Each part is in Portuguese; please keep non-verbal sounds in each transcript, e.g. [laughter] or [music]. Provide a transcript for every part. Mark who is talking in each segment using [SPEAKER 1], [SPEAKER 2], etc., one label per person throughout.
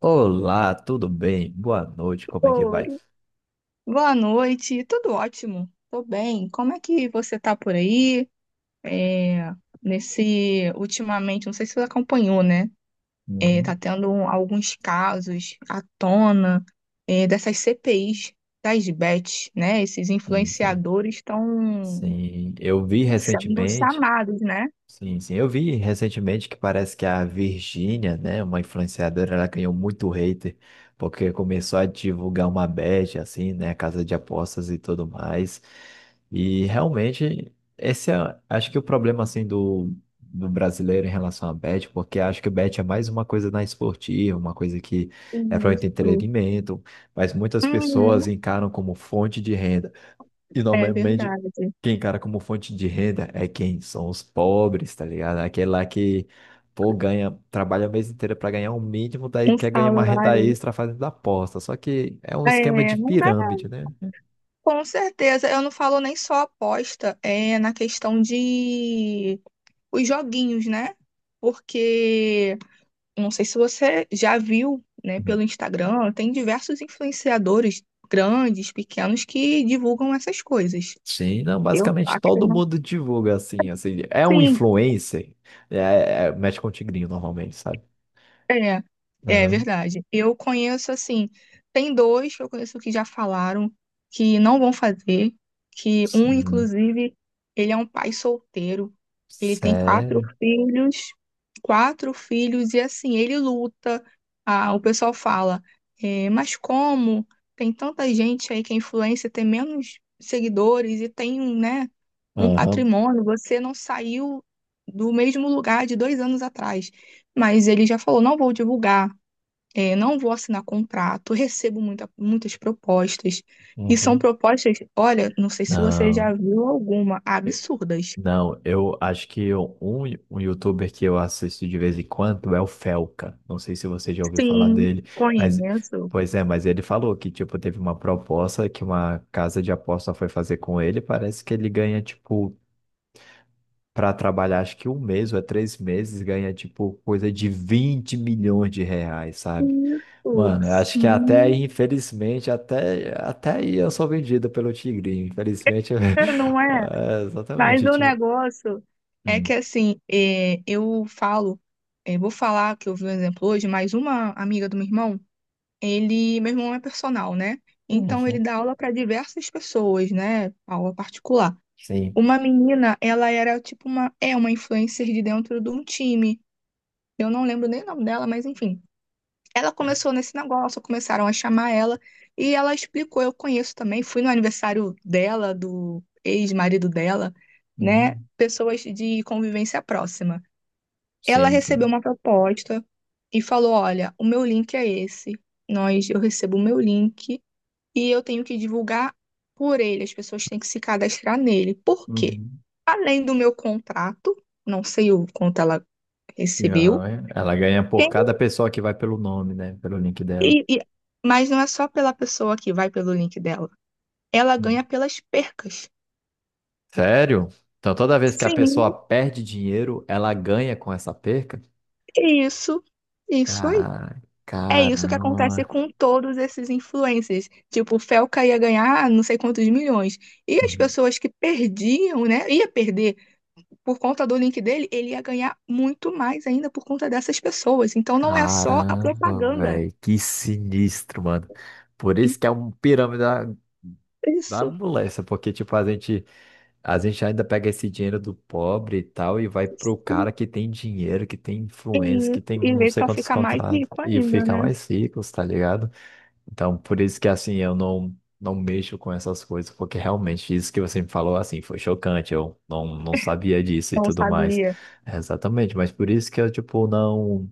[SPEAKER 1] Olá, tudo bem? Boa noite, como é que vai?
[SPEAKER 2] Oi. Boa noite, tudo ótimo, tô bem. Como é que você tá por aí? É, Ultimamente, não sei se você acompanhou, né? Tá
[SPEAKER 1] Uhum.
[SPEAKER 2] tendo alguns casos à tona, dessas CPIs das bets, né? Esses
[SPEAKER 1] Sim, sim,
[SPEAKER 2] influenciadores estão
[SPEAKER 1] sim. Eu vi
[SPEAKER 2] sendo
[SPEAKER 1] recentemente,
[SPEAKER 2] chamados, né?
[SPEAKER 1] sim, sim. Eu vi recentemente que parece que a Virgínia, né, uma influenciadora, ela ganhou muito hater porque começou a divulgar uma bet, assim, né, casa de apostas e tudo mais. E realmente, esse é, acho que o problema, assim, do brasileiro em relação à bet, porque acho que bet é mais uma coisa na esportiva, uma coisa que é para o
[SPEAKER 2] Isso.
[SPEAKER 1] entretenimento, mas muitas pessoas
[SPEAKER 2] Uhum,
[SPEAKER 1] encaram como fonte de renda. E
[SPEAKER 2] é
[SPEAKER 1] normalmente
[SPEAKER 2] verdade.
[SPEAKER 1] quem encara como fonte de renda é quem? São os pobres, tá ligado? Aquele lá que, pô, ganha, trabalha o mês inteiro para ganhar o mínimo, daí
[SPEAKER 2] Um
[SPEAKER 1] quer ganhar uma renda
[SPEAKER 2] salário.
[SPEAKER 1] extra fazendo aposta. Só que é um esquema de
[SPEAKER 2] É, não dá.
[SPEAKER 1] pirâmide, né?
[SPEAKER 2] Com certeza, eu não falo nem só aposta, é na questão de os joguinhos, né? Porque não sei se você já viu, né,
[SPEAKER 1] Uhum.
[SPEAKER 2] pelo Instagram, tem diversos influenciadores grandes, pequenos que divulgam essas coisas.
[SPEAKER 1] Sim, não,
[SPEAKER 2] Eu
[SPEAKER 1] basicamente
[SPEAKER 2] acho que
[SPEAKER 1] todo
[SPEAKER 2] não.
[SPEAKER 1] mundo divulga assim, assim, é um
[SPEAKER 2] Sim.
[SPEAKER 1] influencer, é, mexe com o tigrinho normalmente, sabe?
[SPEAKER 2] É, é
[SPEAKER 1] Aham.
[SPEAKER 2] verdade. Eu conheço assim, tem dois que eu conheço que já falaram que não vão fazer, que um,
[SPEAKER 1] Sim.
[SPEAKER 2] inclusive, ele é um pai solteiro, ele tem
[SPEAKER 1] Sério?
[SPEAKER 2] quatro filhos, e assim, ele luta. Ah, o pessoal fala, mas como tem tanta gente aí que é influencer, tem menos seguidores e tem, né, um
[SPEAKER 1] Aham.
[SPEAKER 2] patrimônio, você não saiu do mesmo lugar de 2 anos atrás. Mas ele já falou: não vou divulgar, não vou assinar contrato, recebo muitas propostas. E são
[SPEAKER 1] Uhum.
[SPEAKER 2] propostas, olha, não sei se você
[SPEAKER 1] Não.
[SPEAKER 2] já viu alguma, absurdas.
[SPEAKER 1] Não, eu acho que um youtuber que eu assisto de vez em quando é o Felca. Não sei se você já ouviu falar
[SPEAKER 2] Sim,
[SPEAKER 1] dele, mas
[SPEAKER 2] conheço.
[SPEAKER 1] pois é, mas ele falou que tipo teve uma proposta que uma casa de aposta foi fazer com ele. Parece que ele ganha tipo para trabalhar acho que um mês ou é três meses ganha tipo coisa de 20 milhões de reais, sabe?
[SPEAKER 2] Isso,
[SPEAKER 1] Mano, eu acho que até aí,
[SPEAKER 2] sim,
[SPEAKER 1] infelizmente, até aí eu sou vendido pelo Tigrinho. Infelizmente, eu- [laughs]
[SPEAKER 2] é, não é?
[SPEAKER 1] é,
[SPEAKER 2] Mas
[SPEAKER 1] exatamente.
[SPEAKER 2] o
[SPEAKER 1] Tipo...
[SPEAKER 2] negócio é que
[SPEAKER 1] Hum.
[SPEAKER 2] assim, eu falo, vou falar que eu vi um exemplo hoje, mas uma amiga do meu irmão, meu irmão é personal, né? Então ele
[SPEAKER 1] Uhum.
[SPEAKER 2] dá aula para diversas pessoas, né? Aula particular.
[SPEAKER 1] Sim.
[SPEAKER 2] Uma menina, ela era tipo é uma influencer de dentro de um time. Eu não lembro nem o nome dela, mas enfim. Ela começou nesse negócio, começaram a chamar ela e ela explicou, eu conheço também, fui no aniversário dela, do ex-marido dela, né?
[SPEAKER 1] Uhum.
[SPEAKER 2] Pessoas de convivência próxima. Ela
[SPEAKER 1] Sim,
[SPEAKER 2] recebeu
[SPEAKER 1] sim.
[SPEAKER 2] uma proposta e falou: "Olha, o meu link é esse. Nós eu recebo o meu link e eu tenho que divulgar por ele. As pessoas têm que se cadastrar nele. Por quê?
[SPEAKER 1] Uhum.
[SPEAKER 2] Além do meu contrato, não sei o quanto ela
[SPEAKER 1] E
[SPEAKER 2] recebeu,
[SPEAKER 1] ela ganha por
[SPEAKER 2] quem-
[SPEAKER 1] cada pessoa que vai pelo nome, né? Pelo link dela.
[SPEAKER 2] e- e- mas não é só pela pessoa que vai pelo link dela. Ela ganha
[SPEAKER 1] Uhum.
[SPEAKER 2] pelas percas.
[SPEAKER 1] Sério? Então toda vez que a pessoa
[SPEAKER 2] Sim,
[SPEAKER 1] perde dinheiro, ela ganha com essa perca?
[SPEAKER 2] isso, isso aí.
[SPEAKER 1] Cara,
[SPEAKER 2] É isso que acontece
[SPEAKER 1] caramba.
[SPEAKER 2] com todos esses influencers. Tipo, o Felca ia ganhar não sei quantos milhões. E as
[SPEAKER 1] Uhum.
[SPEAKER 2] pessoas que perdiam, né? Ia perder por conta do link dele, ele ia ganhar muito mais ainda por conta dessas pessoas. Então não é só a
[SPEAKER 1] Caramba,
[SPEAKER 2] propaganda.
[SPEAKER 1] velho. Que sinistro, mano. Por isso que é um pirâmide da, da
[SPEAKER 2] Isso.
[SPEAKER 1] moléstia, porque, tipo, a gente. A gente ainda pega esse dinheiro do pobre e tal e vai pro cara que tem dinheiro, que tem
[SPEAKER 2] E,
[SPEAKER 1] influência, que
[SPEAKER 2] e
[SPEAKER 1] tem não
[SPEAKER 2] ele
[SPEAKER 1] sei
[SPEAKER 2] só
[SPEAKER 1] quantos
[SPEAKER 2] fica mais
[SPEAKER 1] contratos
[SPEAKER 2] rico
[SPEAKER 1] e
[SPEAKER 2] ainda,
[SPEAKER 1] fica
[SPEAKER 2] né?
[SPEAKER 1] mais rico, tá ligado? Então, por isso que assim, eu não não mexo com essas coisas, porque realmente isso que você me falou assim foi chocante, eu não não sabia disso e
[SPEAKER 2] Não
[SPEAKER 1] tudo mais.
[SPEAKER 2] sabia.
[SPEAKER 1] É, exatamente, mas por isso que eu tipo não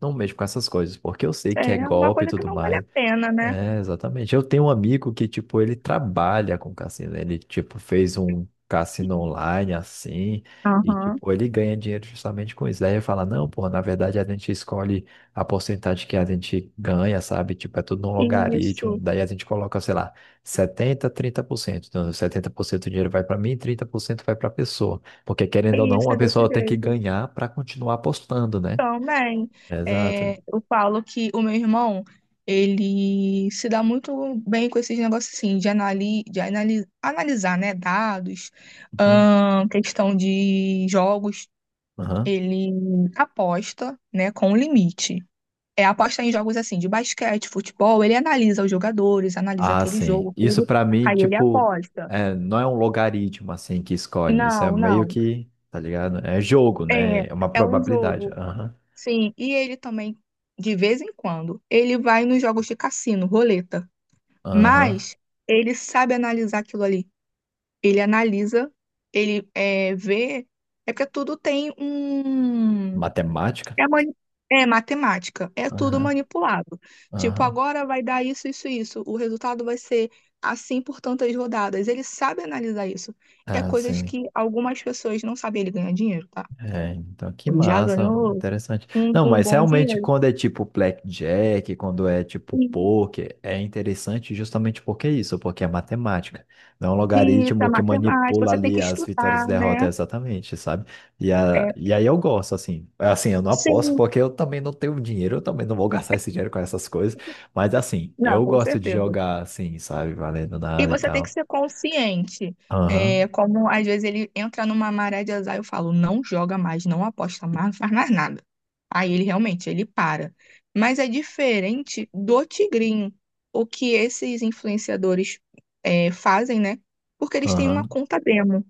[SPEAKER 1] não mexo com essas coisas, porque eu sei que é
[SPEAKER 2] É uma
[SPEAKER 1] golpe e
[SPEAKER 2] coisa que
[SPEAKER 1] tudo
[SPEAKER 2] não vale
[SPEAKER 1] mais.
[SPEAKER 2] a pena, né?
[SPEAKER 1] É, exatamente. Eu tenho um amigo que, tipo, ele trabalha com cassino, né? Ele, tipo, fez um cassino online, assim, e,
[SPEAKER 2] Aham.
[SPEAKER 1] tipo, ele ganha dinheiro justamente com isso. Daí ele fala, não, pô, na verdade a gente escolhe a porcentagem que a gente ganha, sabe? Tipo, é tudo num logaritmo.
[SPEAKER 2] Isso,
[SPEAKER 1] Daí a gente coloca, sei lá, 70, 30%. Então, 70% do dinheiro vai para mim, 30% vai para a pessoa. Porque, querendo ou não,
[SPEAKER 2] isso
[SPEAKER 1] a
[SPEAKER 2] é desse
[SPEAKER 1] pessoa tem que
[SPEAKER 2] jeito.
[SPEAKER 1] ganhar para continuar apostando, né?
[SPEAKER 2] Também,
[SPEAKER 1] Exato.
[SPEAKER 2] eu falo que o meu irmão, ele se dá muito bem com esses negócios assim, de analisar, né, dados,
[SPEAKER 1] Uhum.
[SPEAKER 2] questão de jogos.
[SPEAKER 1] Aham.
[SPEAKER 2] Ele aposta, né, com um limite. É aposta em jogos assim de basquete, futebol, ele analisa os jogadores, analisa
[SPEAKER 1] Ah,
[SPEAKER 2] aquele
[SPEAKER 1] sim.
[SPEAKER 2] jogo,
[SPEAKER 1] Isso
[SPEAKER 2] tudo,
[SPEAKER 1] pra mim,
[SPEAKER 2] aí ele
[SPEAKER 1] tipo,
[SPEAKER 2] aposta.
[SPEAKER 1] é, não é um logaritmo assim que escolhe. Isso é
[SPEAKER 2] Não,
[SPEAKER 1] meio
[SPEAKER 2] não.
[SPEAKER 1] que, tá ligado? É jogo,
[SPEAKER 2] É,
[SPEAKER 1] né? É uma
[SPEAKER 2] é um
[SPEAKER 1] probabilidade.
[SPEAKER 2] jogo.
[SPEAKER 1] Aham.
[SPEAKER 2] Sim, e ele também de vez em quando, ele vai nos jogos de cassino, roleta,
[SPEAKER 1] Aham.
[SPEAKER 2] mas ele sabe analisar aquilo ali. Ele analisa, ele é, vê, é porque tudo tem um.
[SPEAKER 1] Matemática?
[SPEAKER 2] É, mani- é matemática, é tudo
[SPEAKER 1] Aham.
[SPEAKER 2] manipulado. Tipo,
[SPEAKER 1] Aham.
[SPEAKER 2] agora vai dar isso, isso, isso. O resultado vai ser assim por tantas rodadas. Ele sabe analisar isso. É
[SPEAKER 1] Ah,
[SPEAKER 2] coisas
[SPEAKER 1] sim.
[SPEAKER 2] que algumas pessoas não sabem. Ele ganha dinheiro, tá?
[SPEAKER 1] É, então que
[SPEAKER 2] Já
[SPEAKER 1] massa,
[SPEAKER 2] ganhou
[SPEAKER 1] interessante.
[SPEAKER 2] um,
[SPEAKER 1] Não,
[SPEAKER 2] um
[SPEAKER 1] mas
[SPEAKER 2] bom
[SPEAKER 1] realmente
[SPEAKER 2] dinheiro.
[SPEAKER 1] quando é tipo blackjack, quando é tipo
[SPEAKER 2] Sim,
[SPEAKER 1] poker, é interessante justamente porque é isso, porque é matemática. Não é um
[SPEAKER 2] isso é
[SPEAKER 1] logaritmo que
[SPEAKER 2] matemática,
[SPEAKER 1] manipula
[SPEAKER 2] você tem que
[SPEAKER 1] ali as vitórias e
[SPEAKER 2] estudar, né?
[SPEAKER 1] derrotas exatamente, sabe? E, a,
[SPEAKER 2] É,
[SPEAKER 1] e aí eu gosto, assim. Assim, eu não aposto
[SPEAKER 2] sim,
[SPEAKER 1] porque eu também não tenho dinheiro, eu também não vou [laughs] gastar esse dinheiro com essas coisas. Mas assim,
[SPEAKER 2] não,
[SPEAKER 1] eu
[SPEAKER 2] com
[SPEAKER 1] gosto de
[SPEAKER 2] certeza.
[SPEAKER 1] jogar assim, sabe? Valendo
[SPEAKER 2] E
[SPEAKER 1] nada e
[SPEAKER 2] você tem que
[SPEAKER 1] tal.
[SPEAKER 2] ser consciente. É,
[SPEAKER 1] Aham,
[SPEAKER 2] como às vezes ele entra numa maré de azar, eu falo, não joga mais, não aposta mais, não faz mais nada. Aí ele realmente, ele para. Mas é diferente do tigrinho, o que esses influenciadores fazem, né? Porque eles têm uma
[SPEAKER 1] aham.
[SPEAKER 2] conta demo,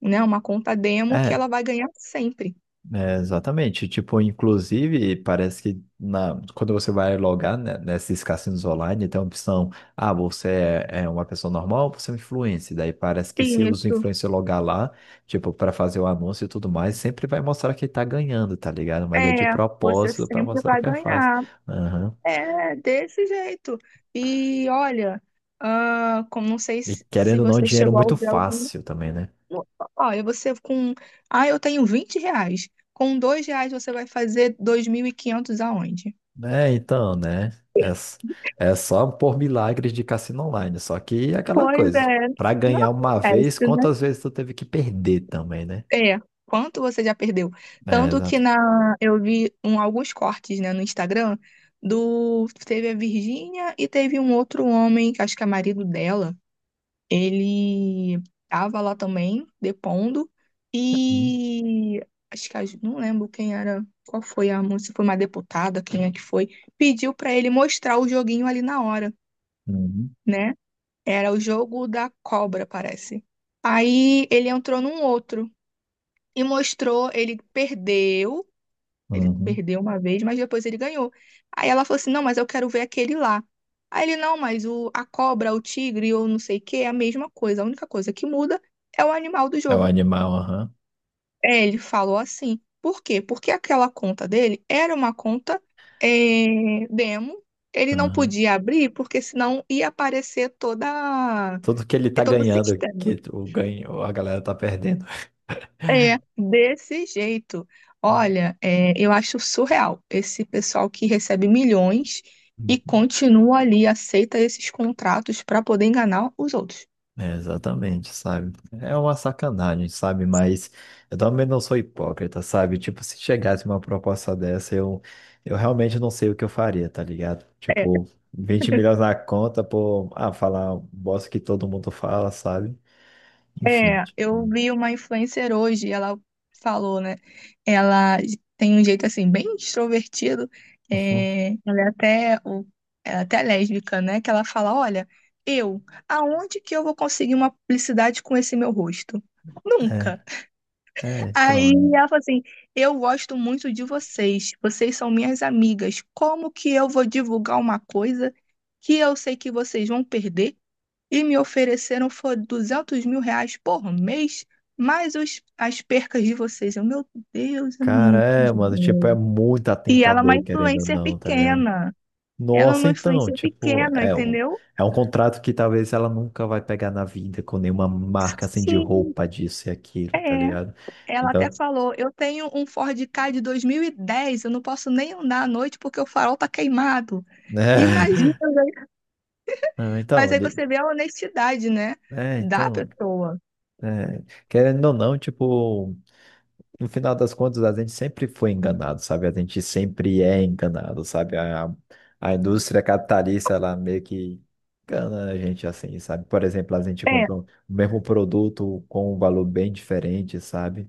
[SPEAKER 2] né? Uma conta demo que
[SPEAKER 1] É,
[SPEAKER 2] ela vai ganhar sempre.
[SPEAKER 1] é, exatamente. Tipo, inclusive, parece que na, quando você vai logar, né, nesses cassinos online, tem a opção, ah, você é, é uma pessoa normal, você é um influencer. Daí parece que se os
[SPEAKER 2] Isso.
[SPEAKER 1] influencers logar lá, tipo, para fazer o anúncio e tudo mais, sempre vai mostrar que tá ganhando, tá ligado? Mas é de
[SPEAKER 2] É, você
[SPEAKER 1] propósito para
[SPEAKER 2] sempre
[SPEAKER 1] mostrar
[SPEAKER 2] vai
[SPEAKER 1] que é fácil.
[SPEAKER 2] ganhar.
[SPEAKER 1] Aham.
[SPEAKER 2] É, desse jeito. E olha, como não sei
[SPEAKER 1] E
[SPEAKER 2] se
[SPEAKER 1] querendo ou não,
[SPEAKER 2] você
[SPEAKER 1] dinheiro é
[SPEAKER 2] chegou a
[SPEAKER 1] muito
[SPEAKER 2] usar algum.
[SPEAKER 1] fácil também, né?
[SPEAKER 2] Olha, você com. Ah, eu tenho R$ 20. Com R$ 2 você vai fazer 2.500 aonde?
[SPEAKER 1] Né, então, né? É, é só por milagres de cassino online. Só que é aquela
[SPEAKER 2] Pois
[SPEAKER 1] coisa.
[SPEAKER 2] é,
[SPEAKER 1] Pra
[SPEAKER 2] não
[SPEAKER 1] ganhar uma vez,
[SPEAKER 2] acontece, né?
[SPEAKER 1] quantas vezes tu teve que perder também, né?
[SPEAKER 2] É, quanto você já perdeu?
[SPEAKER 1] É,
[SPEAKER 2] Tanto que
[SPEAKER 1] exato.
[SPEAKER 2] eu vi alguns cortes, né, no Instagram do teve a Virgínia e teve um outro homem, que acho que é marido dela. Ele estava lá também, depondo,
[SPEAKER 1] Uhum,
[SPEAKER 2] e acho que a não lembro quem era, qual foi a moça, se foi uma deputada, quem é que foi, pediu para ele mostrar o joguinho ali na hora,
[SPEAKER 1] uhum,
[SPEAKER 2] né? Era o jogo da cobra, parece. Aí ele entrou num outro e mostrou, ele perdeu. Ele
[SPEAKER 1] uhum.
[SPEAKER 2] perdeu uma vez, mas depois ele ganhou. Aí ela falou assim: não, mas eu quero ver aquele lá. Aí ele: não, mas a cobra, o tigre ou não sei o que é a mesma coisa. A única coisa que muda é o animal do
[SPEAKER 1] É o
[SPEAKER 2] jogo.
[SPEAKER 1] animal, aham.
[SPEAKER 2] É, ele falou assim. Por quê? Porque aquela conta dele era uma conta demo. Ele não
[SPEAKER 1] Aham.
[SPEAKER 2] podia abrir, porque senão ia aparecer toda,
[SPEAKER 1] Tudo que ele tá
[SPEAKER 2] todo o
[SPEAKER 1] ganhando,
[SPEAKER 2] sistema.
[SPEAKER 1] que o ganho, a galera tá perdendo.
[SPEAKER 2] É, desse jeito. Olha,
[SPEAKER 1] [laughs]
[SPEAKER 2] eu acho surreal esse pessoal que recebe milhões e continua ali, aceita esses contratos para poder enganar os outros.
[SPEAKER 1] É, exatamente, sabe? É uma sacanagem, sabe? Mas eu também não sou hipócrita, sabe? Tipo, se chegasse uma proposta dessa, eu realmente não sei o que eu faria, tá ligado?
[SPEAKER 2] É,
[SPEAKER 1] Tipo, 20 milhões
[SPEAKER 2] [laughs]
[SPEAKER 1] na conta por, ah, falar um bosta que todo mundo fala, sabe? Enfim,
[SPEAKER 2] é,
[SPEAKER 1] tipo,
[SPEAKER 2] eu vi uma influencer hoje, ela falou, né? Ela tem um jeito assim, bem extrovertido.
[SPEAKER 1] uhum.
[SPEAKER 2] é, ela é até, o- ela é até lésbica, né? Que ela fala: olha, eu, aonde que eu vou conseguir uma publicidade com esse meu rosto? Nunca.
[SPEAKER 1] É, é,
[SPEAKER 2] Aí
[SPEAKER 1] então,
[SPEAKER 2] ela falou assim: eu gosto muito de vocês, vocês são minhas amigas. Como que eu vou divulgar uma coisa que eu sei que vocês vão perder? E me ofereceram foi R$ 200.000 por mês, mais as percas de vocês. Eu, meu Deus, é
[SPEAKER 1] cara,
[SPEAKER 2] muito
[SPEAKER 1] é, mano, tipo, é
[SPEAKER 2] dinheiro.
[SPEAKER 1] muito
[SPEAKER 2] E ela é uma
[SPEAKER 1] atentador, querendo ou
[SPEAKER 2] influencer
[SPEAKER 1] não, tá ligado?
[SPEAKER 2] pequena. Ela é
[SPEAKER 1] Nossa,
[SPEAKER 2] uma
[SPEAKER 1] então,
[SPEAKER 2] influencer
[SPEAKER 1] tipo,
[SPEAKER 2] pequena, entendeu?
[SPEAKER 1] é um contrato que talvez ela nunca vai pegar na vida com nenhuma marca assim de
[SPEAKER 2] Sim,
[SPEAKER 1] roupa disso e aquilo, tá
[SPEAKER 2] é.
[SPEAKER 1] ligado?
[SPEAKER 2] Ela até
[SPEAKER 1] Então,
[SPEAKER 2] falou: eu tenho um Ford Ka de 2010, eu não posso nem andar à noite porque o farol tá queimado. Imagina,
[SPEAKER 1] né?
[SPEAKER 2] né?
[SPEAKER 1] [laughs] Não, então,
[SPEAKER 2] Mas aí
[SPEAKER 1] ele-
[SPEAKER 2] você vê a honestidade, né?
[SPEAKER 1] é,
[SPEAKER 2] Da
[SPEAKER 1] então,
[SPEAKER 2] pessoa.
[SPEAKER 1] é, querendo ou não, tipo, no final das contas, a gente sempre foi enganado, sabe? A gente sempre é enganado, sabe? A indústria capitalista, ela meio que engana a gente assim, sabe? Por exemplo, a gente
[SPEAKER 2] É,
[SPEAKER 1] compra o mesmo produto com um valor bem diferente, sabe?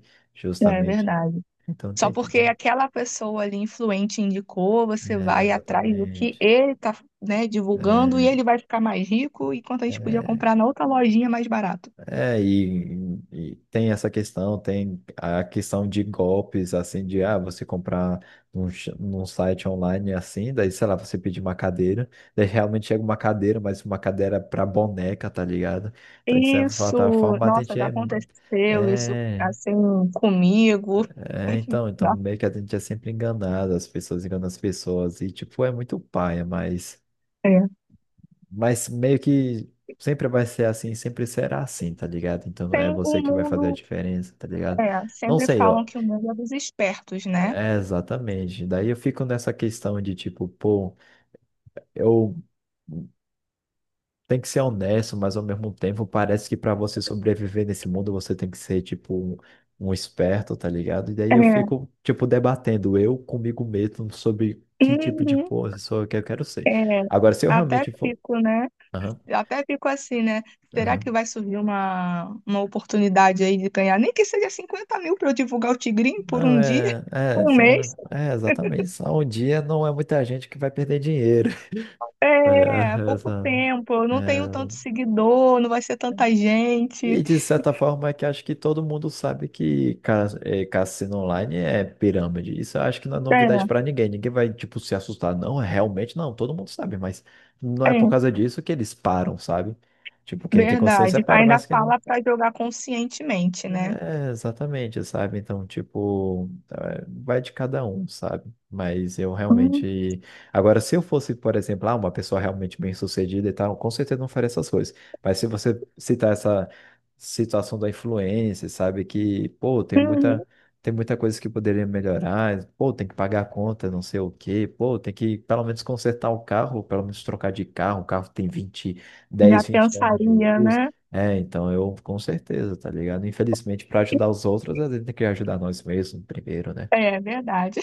[SPEAKER 2] é
[SPEAKER 1] Justamente.
[SPEAKER 2] verdade.
[SPEAKER 1] Então
[SPEAKER 2] Só
[SPEAKER 1] tem
[SPEAKER 2] porque
[SPEAKER 1] tipo.
[SPEAKER 2] aquela pessoa ali influente indicou, você
[SPEAKER 1] É,
[SPEAKER 2] vai atrás do que
[SPEAKER 1] exatamente.
[SPEAKER 2] ele tá, né, divulgando e
[SPEAKER 1] É,
[SPEAKER 2] ele vai ficar mais rico, enquanto a gente podia
[SPEAKER 1] é,
[SPEAKER 2] comprar na outra lojinha mais barato.
[SPEAKER 1] e tem essa questão, tem a questão de golpes, assim, de ah, você comprar num site online assim, daí, sei lá, você pedir uma cadeira, daí realmente chega uma cadeira, mas uma cadeira é pra boneca, tá ligado? Então, de certa
[SPEAKER 2] Isso,
[SPEAKER 1] forma, a
[SPEAKER 2] nossa,
[SPEAKER 1] gente
[SPEAKER 2] já
[SPEAKER 1] é.
[SPEAKER 2] aconteceu isso
[SPEAKER 1] É,
[SPEAKER 2] assim comigo.
[SPEAKER 1] é, então, então
[SPEAKER 2] Nossa,
[SPEAKER 1] meio que a gente é sempre enganado, as pessoas enganam as pessoas, e tipo, é muito paia, mas.
[SPEAKER 2] é.
[SPEAKER 1] Mas meio que sempre vai ser assim, sempre será assim, tá ligado? Então é
[SPEAKER 2] Tem
[SPEAKER 1] você
[SPEAKER 2] o
[SPEAKER 1] que vai fazer a
[SPEAKER 2] mundo
[SPEAKER 1] diferença, tá ligado?
[SPEAKER 2] É,
[SPEAKER 1] Não
[SPEAKER 2] sempre
[SPEAKER 1] sei,
[SPEAKER 2] falam
[SPEAKER 1] ó.
[SPEAKER 2] que o mundo é dos espertos, né?
[SPEAKER 1] É exatamente. Daí eu fico nessa questão de tipo, pô, eu tenho que ser honesto, mas ao mesmo tempo parece que para você sobreviver nesse mundo você tem que ser tipo um, um esperto, tá ligado? E daí eu
[SPEAKER 2] É.
[SPEAKER 1] fico tipo debatendo eu comigo mesmo sobre que tipo de
[SPEAKER 2] Uhum.
[SPEAKER 1] pessoa que eu quero ser.
[SPEAKER 2] É,
[SPEAKER 1] Agora, se eu
[SPEAKER 2] até
[SPEAKER 1] realmente for.
[SPEAKER 2] fico, né?
[SPEAKER 1] Aham,
[SPEAKER 2] Até fico assim, né? Será que
[SPEAKER 1] aham.
[SPEAKER 2] vai surgir uma oportunidade aí de ganhar? Nem que seja 50.000 para eu divulgar o Tigrinho por
[SPEAKER 1] Não,
[SPEAKER 2] um dia,
[SPEAKER 1] é,
[SPEAKER 2] [laughs]
[SPEAKER 1] é,
[SPEAKER 2] um mês.
[SPEAKER 1] são, é exatamente. Só um dia não é muita gente que vai perder dinheiro. [laughs] Olha,
[SPEAKER 2] É, pouco
[SPEAKER 1] essa-
[SPEAKER 2] tempo. Eu não tenho tanto
[SPEAKER 1] é.
[SPEAKER 2] seguidor, não vai ser tanta
[SPEAKER 1] E
[SPEAKER 2] gente.
[SPEAKER 1] de certa forma é que acho que todo mundo sabe que é, cassino online é pirâmide. Isso eu acho que não é novidade
[SPEAKER 2] É,
[SPEAKER 1] para ninguém. Ninguém vai, tipo, se assustar. Não, realmente não. Todo mundo sabe, mas não
[SPEAKER 2] é,
[SPEAKER 1] é por causa disso que eles param, sabe? Tipo, quem tem consciência
[SPEAKER 2] verdade.
[SPEAKER 1] para,
[SPEAKER 2] Ainda
[SPEAKER 1] mas quem não.
[SPEAKER 2] fala para jogar conscientemente, né?
[SPEAKER 1] É, exatamente, sabe? Então, tipo, é, vai de cada um, sabe? Mas eu
[SPEAKER 2] Uhum.
[SPEAKER 1] realmente. Agora, se eu fosse, por exemplo, ah, uma pessoa realmente bem-sucedida e tal, com certeza não faria essas coisas. Mas se você citar essa situação da influência, sabe? Que, pô, tem muita coisa que poderia melhorar, pô, tem que pagar a conta, não sei o quê, pô, tem que pelo menos consertar o carro, pelo menos trocar de carro, o carro tem 20
[SPEAKER 2] Já
[SPEAKER 1] 10 20 anos de
[SPEAKER 2] pensaria,
[SPEAKER 1] uso.
[SPEAKER 2] né?
[SPEAKER 1] É, então eu com certeza, tá ligado? Infelizmente, para ajudar os outros, a gente tem que ajudar nós mesmos primeiro, né?
[SPEAKER 2] É, verdade.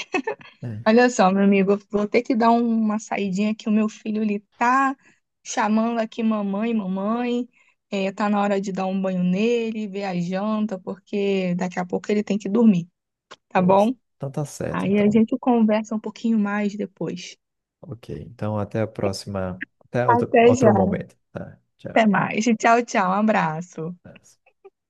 [SPEAKER 1] É,
[SPEAKER 2] Olha só, meu amigo, eu vou ter que dar uma saidinha que o meu filho ele tá chamando aqui mamãe, mamãe. É, tá na hora de dar um banho nele, ver a janta, porque daqui a pouco ele tem que dormir, tá
[SPEAKER 1] pois.
[SPEAKER 2] bom?
[SPEAKER 1] Então tá certo,
[SPEAKER 2] Aí a
[SPEAKER 1] então.
[SPEAKER 2] gente conversa um pouquinho mais depois.
[SPEAKER 1] Ok. Então até a próxima. Até outro,
[SPEAKER 2] Até já.
[SPEAKER 1] outro momento. Tá,
[SPEAKER 2] Até
[SPEAKER 1] tchau.
[SPEAKER 2] mais. Tchau, tchau. Um abraço.